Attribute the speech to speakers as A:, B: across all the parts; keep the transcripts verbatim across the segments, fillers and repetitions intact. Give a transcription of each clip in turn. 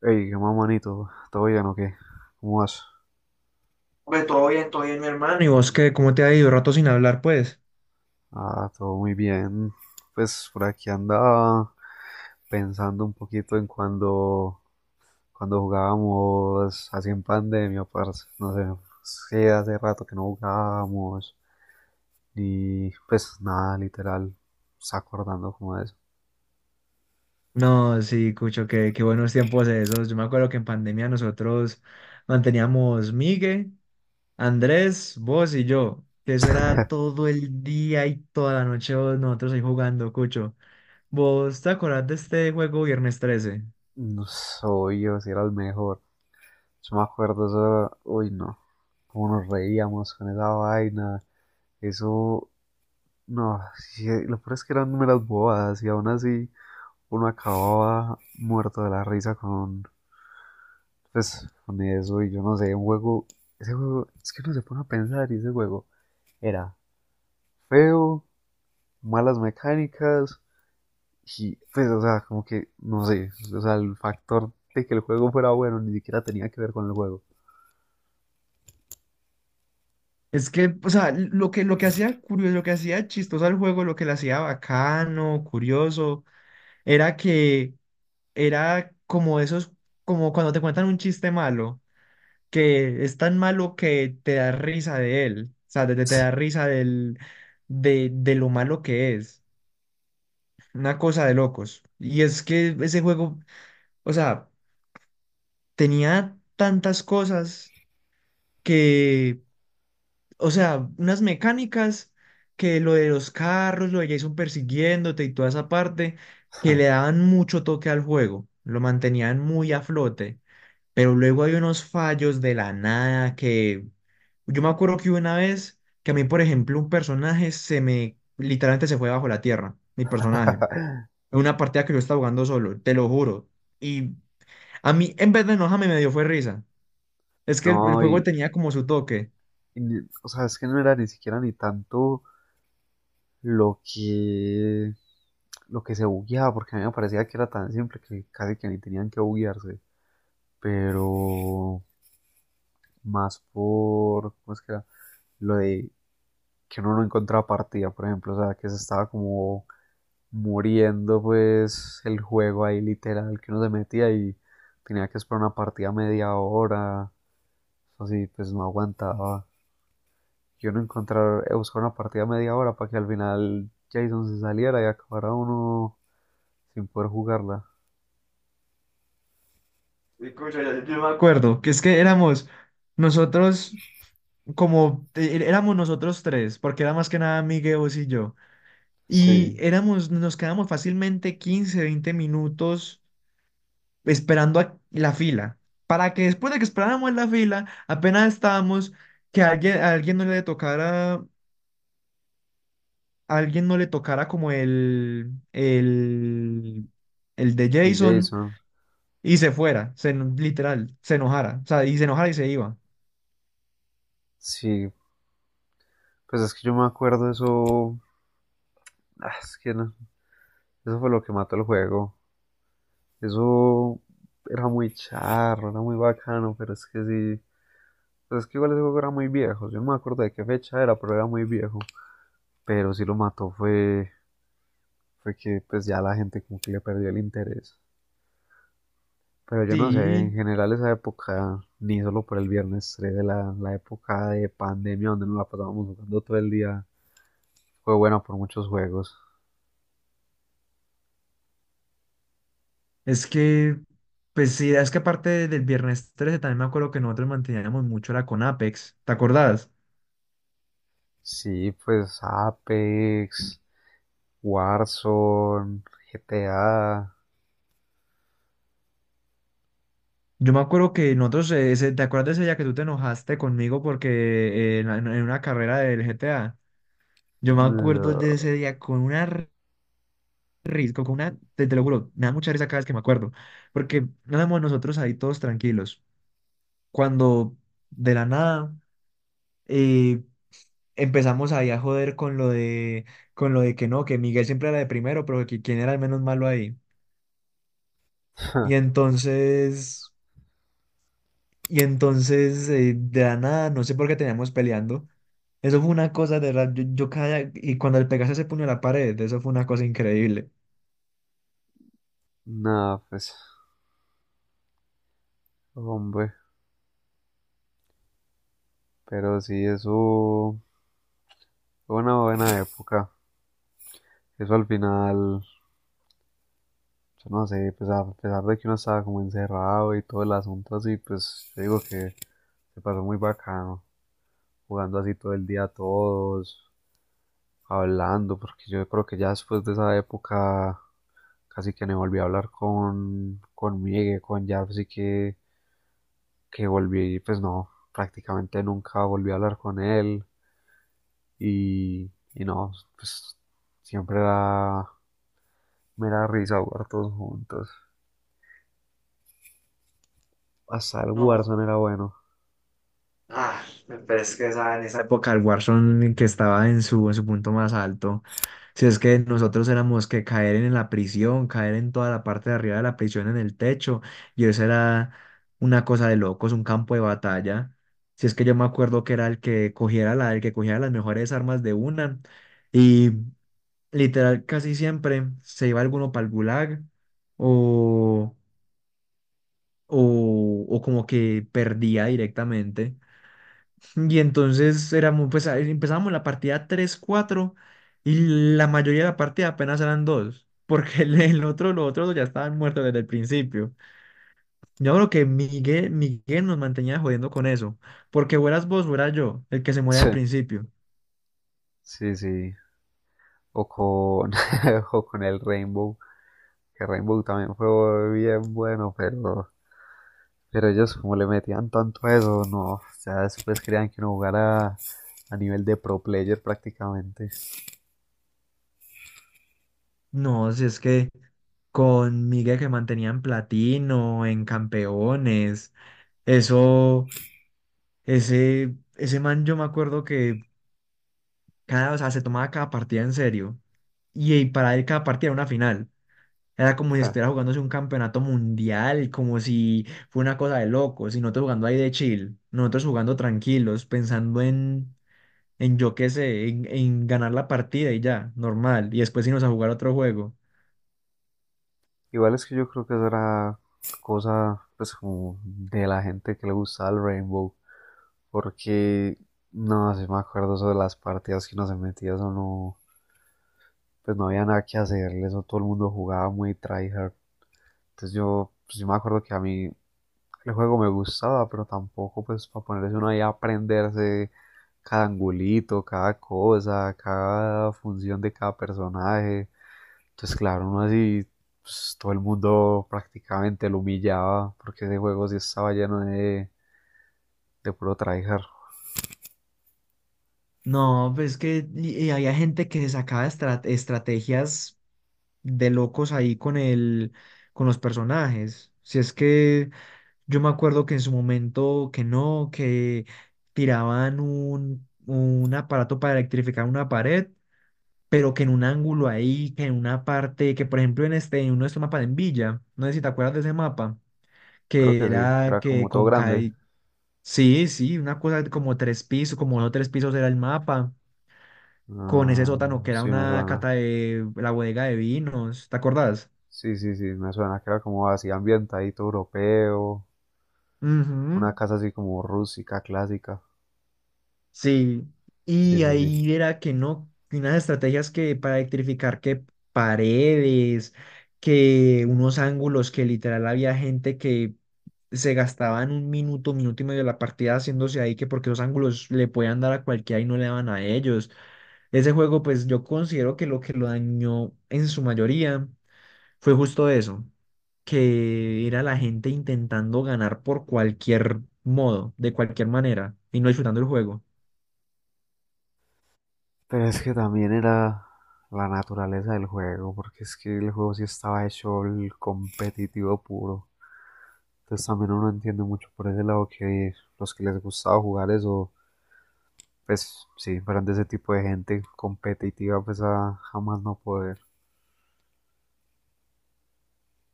A: Hey, qué más manito, ¿todo bien o qué? ¿Cómo vas?
B: Pues todo bien, todo bien, mi hermano. ¿Y vos qué? ¿Cómo te ha ido? Rato sin hablar, pues.
A: Ah, todo muy bien. Pues por aquí andaba pensando un poquito en cuando, cuando jugábamos así en pandemia, parce. No sé, sí, hace rato que no jugábamos. Y pues nada, literal, se acordando como de eso.
B: No, sí, Cucho, qué, qué buenos tiempos esos. Yo me acuerdo que en pandemia nosotros manteníamos Migue, Andrés, vos y yo. Que eso era todo el día y toda la noche vos- nosotros ahí jugando, Cucho. ¿Vos te acordás de este juego Viernes Trece?
A: No soy yo si era el mejor. Yo me acuerdo eso, uy no, cómo nos reíamos con esa vaina. Eso, no, sí, lo peor es que eran números bobadas y aún así uno acababa muerto de la risa con, pues, con eso y yo no sé, un juego, ese juego, es que uno se pone a pensar y ese juego era feo, malas mecánicas y pues, o sea, como que, no sé, o sea, el factor de que el juego fuera bueno ni siquiera tenía que ver con el juego.
B: Es que, o sea, lo que, lo que hacía curioso, lo que hacía chistoso al juego, lo que le hacía bacano, curioso, era que era como esos, como cuando te cuentan un chiste malo, que es tan malo que te da risa de él, o sea, te, te- te da risa del, de, de lo malo que es, una cosa de locos. Y es que ese juego, o sea, tenía tantas cosas que, o sea, unas mecánicas que lo de los carros, lo de Jason persiguiéndote y toda esa parte, que le daban mucho toque al juego, lo mantenían muy a flote. Pero luego hay unos fallos de la nada que yo me acuerdo que hubo una vez que a mí, por ejemplo, un personaje se me literalmente se fue bajo la tierra, mi personaje, en una partida que yo estaba jugando solo, te lo juro. Y a mí, en vez de enojarme, me dio fue risa. Es que el, el
A: No,
B: juego
A: y,
B: tenía como su toque.
A: y, o sea, es que no era ni siquiera ni tanto lo que lo que se bugueaba, porque a mí me parecía que era tan simple que casi que ni tenían que buguearse, pero más por, ¿cómo es que era? Lo de que uno no encontraba partida, por ejemplo, o sea, que se estaba como muriendo pues el juego ahí literal, que uno se metía y tenía que esperar una partida media hora, así, pues no aguantaba. Yo no encontrar, eh, buscar una partida media hora para que al final Jason se saliera y acabara uno sin poder jugarla.
B: Escucha, ya- yo me acuerdo que es que éramos nosotros como eh, éramos nosotros tres, porque era más que nada Miguel, vos y yo.
A: Sí,
B: Y
A: el
B: éramos, nos quedamos fácilmente quince veinte minutos esperando a la fila, para que después de que esperáramos en la fila, apenas estábamos, que alguien, a alguien no le tocara, a alguien no le tocara como el, el, el de Jason
A: Jason.
B: y se fuera, se, eno- literal, se enojara, o sea, y se enojara y se iba.
A: Sí, pues es que yo me acuerdo eso. Ah, es que no, eso fue lo que mató el juego. Eso era muy charro, era muy bacano, pero es que sí. Pues es que igual ese juego era muy viejo. Yo no me acuerdo de qué fecha era, pero era muy viejo. Pero sí lo mató fue, fue que pues ya la gente como que le perdió el interés. Pero yo no sé, en
B: Sí,
A: general esa época, ni solo por el viernes trece, la, la época de pandemia donde nos la pasábamos jugando todo el día, fue buena por muchos juegos.
B: es que, pues sí, es que aparte del viernes trece también me acuerdo que nosotros manteníamos mucho la Conapex, ¿te acordás?
A: Sí, pues Apex, Warzone, G T A.
B: Yo me acuerdo que nosotros, eh, ese- ¿te acuerdas de ese día que tú te enojaste conmigo porque eh, en, en una carrera del G T A? Yo me acuerdo de ese día con una r- risa, con una, te, te lo juro, me da mucha risa cada vez que me acuerdo, porque éramos nosotros ahí todos tranquilos, cuando de la nada eh, empezamos ahí a joder con lo de, con lo de que no, que Miguel siempre era de primero, pero que quién era el menos malo ahí. Y entonces... Y entonces, eh, de la nada, no sé por qué teníamos peleando. Eso fue una cosa de verdad. Yo, yo cada. Y cuando el Pegaso se puño a la pared, eso fue una cosa increíble.
A: Nada, pues, hombre, pero sí, eso fue una buena época. Eso al final, yo no sé, pues a pesar de que uno estaba como encerrado y todo el asunto así, pues yo digo que se pasó muy bacano, jugando así todo el día todos, hablando, porque yo creo que ya después de esa época casi que no volví a hablar con, con Miguel, con Jarvis, así que, que volví, pues no, prácticamente nunca volví a hablar con él y, y no, pues siempre era mera risa jugar todos juntos. Hasta el
B: No.
A: Warzone era bueno.
B: Ah, pero es que esa, en esa época el Warzone que estaba en su, en su punto más alto. Si es que nosotros éramos que caer en la prisión, caer en toda la parte de arriba de la prisión, en el techo, y eso era una cosa de locos, un campo de batalla. Si es que yo me acuerdo que era el que cogiera la, el que cogiera las mejores armas de una. Y literal casi siempre se iba alguno para el gulag o, o, o como que perdía directamente. Y entonces éramos, pues ahí empezábamos la partida tres cuatro y la mayoría de la partida apenas eran dos. Porque el, el otro, los otros dos ya estaban muertos desde el principio. Yo creo que Miguel, Miguel nos mantenía jodiendo con eso. Porque fueras vos, fuera yo, el que se muere al principio.
A: Sí, sí, sí. O con, o con el Rainbow, que Rainbow también fue bien bueno, pero Pero ellos como le metían tanto a eso, no, o sea, después querían que uno jugara a nivel de pro player prácticamente.
B: No, si es que con Miguel que mantenía en platino, en campeones, eso, ese, ese man yo me acuerdo que cada, o sea, se tomaba cada partida en serio. Y, y para él cada partida era una final. Era como si
A: Ja.
B: estuviera jugándose un campeonato mundial, como si fue una cosa de locos, y nosotros jugando ahí de chill, nosotros jugando tranquilos, pensando en, en yo qué sé, en, en ganar la partida y ya, normal. Y después irnos a jugar otro juego.
A: Igual es que yo creo que eso era cosa pues como de la gente que le gustaba el Rainbow, porque no, si me acuerdo eso de las partidas que uno se metía, eso no, pues no había nada que hacerle, eso todo el mundo jugaba muy tryhard. Entonces yo, pues yo me acuerdo que a mí el juego me gustaba, pero tampoco pues para ponerse uno ahí a aprenderse cada angulito, cada cosa, cada función de cada personaje. Entonces claro, uno así, pues todo el mundo prácticamente lo humillaba porque ese juego sí estaba lleno de, de puro tryhard.
B: No, pues que y- y había gente que se sacaba estra- estrategias de locos ahí con el, con los personajes. Si es que yo me acuerdo que en su momento que no, que tiraban un, un aparato para electrificar una pared, pero que en un ángulo ahí, que en una parte, que por ejemplo en este, en uno de estos mapas en Villa, no sé si te acuerdas de ese mapa,
A: Creo
B: que
A: que sí,
B: era
A: era
B: que
A: como todo
B: con
A: grande.
B: Kai, sí, sí, una cosa como tres pisos, como no tres pisos era el mapa con ese
A: Ah,
B: sótano que era
A: sí me
B: una
A: suena.
B: cata de la bodega de vinos, ¿te acordás?
A: Sí, sí, sí, me suena que era como así ambientadito europeo,
B: Ujú.
A: una casa así como rústica, clásica.
B: Sí,
A: Sí,
B: y
A: sí, sí.
B: ahí era que no, que unas estrategias que para electrificar que paredes, que unos ángulos que literal había gente que se gastaban un minuto, minuto y medio de la partida haciéndose ahí, que porque los ángulos le podían dar a cualquiera y no le daban a ellos. Ese juego, pues yo considero que lo que lo dañó en su mayoría fue justo eso, que era la gente intentando ganar por cualquier modo, de cualquier manera, y no disfrutando el juego.
A: Pero es que también era la naturaleza del juego, porque es que el juego sí estaba hecho el competitivo puro. Entonces también uno entiende mucho por ese lado que los que les gustaba jugar eso, pues sí, eran de ese tipo de gente competitiva, pues a jamás no poder.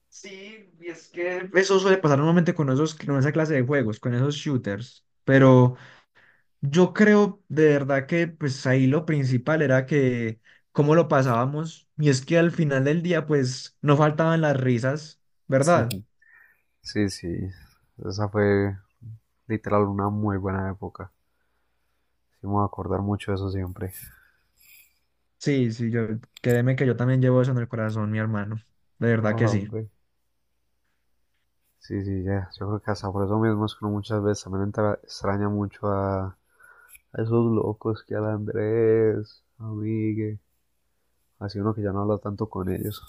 B: Sí, y es que eso suele pasar normalmente con esos, con esa clase de juegos, con esos shooters. Pero yo creo de verdad que pues ahí lo principal era que cómo lo pasábamos. Y es que al final del día pues no faltaban las risas, ¿verdad?
A: Sí, sí, esa fue literal una muy buena época. Sí, me voy a acordar mucho de eso siempre.
B: Sí, sí, yo créeme que yo también llevo eso en el corazón, mi hermano. De verdad que sí.
A: Hombre. Sí, sí, ya. Yo creo que hasta por eso mismo es que uno muchas veces también entra- extraña mucho a, a esos locos que al Andrés, a Migue, así uno que ya no habla tanto con ellos.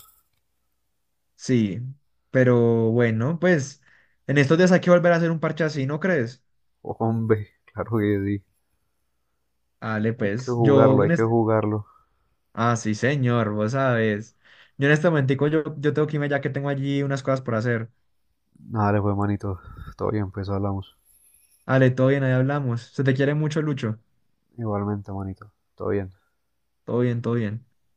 B: Sí, pero bueno, pues en estos días hay que volver a hacer un parche así, ¿no crees?
A: Hombre, claro que sí.
B: Dale,
A: Hay que
B: pues
A: jugarlo,
B: yo...
A: hay
B: en
A: que
B: es-
A: jugarlo.
B: Ah, sí, señor, vos sabes. Yo en este momentico yo, yo tengo que irme ya que tengo allí unas cosas por hacer.
A: Nada, le fue manito. Todo bien, pues hablamos.
B: Dale, todo bien, ahí hablamos. Se te quiere mucho, Lucho.
A: Igualmente, manito. Todo bien.
B: Todo bien, todo bien.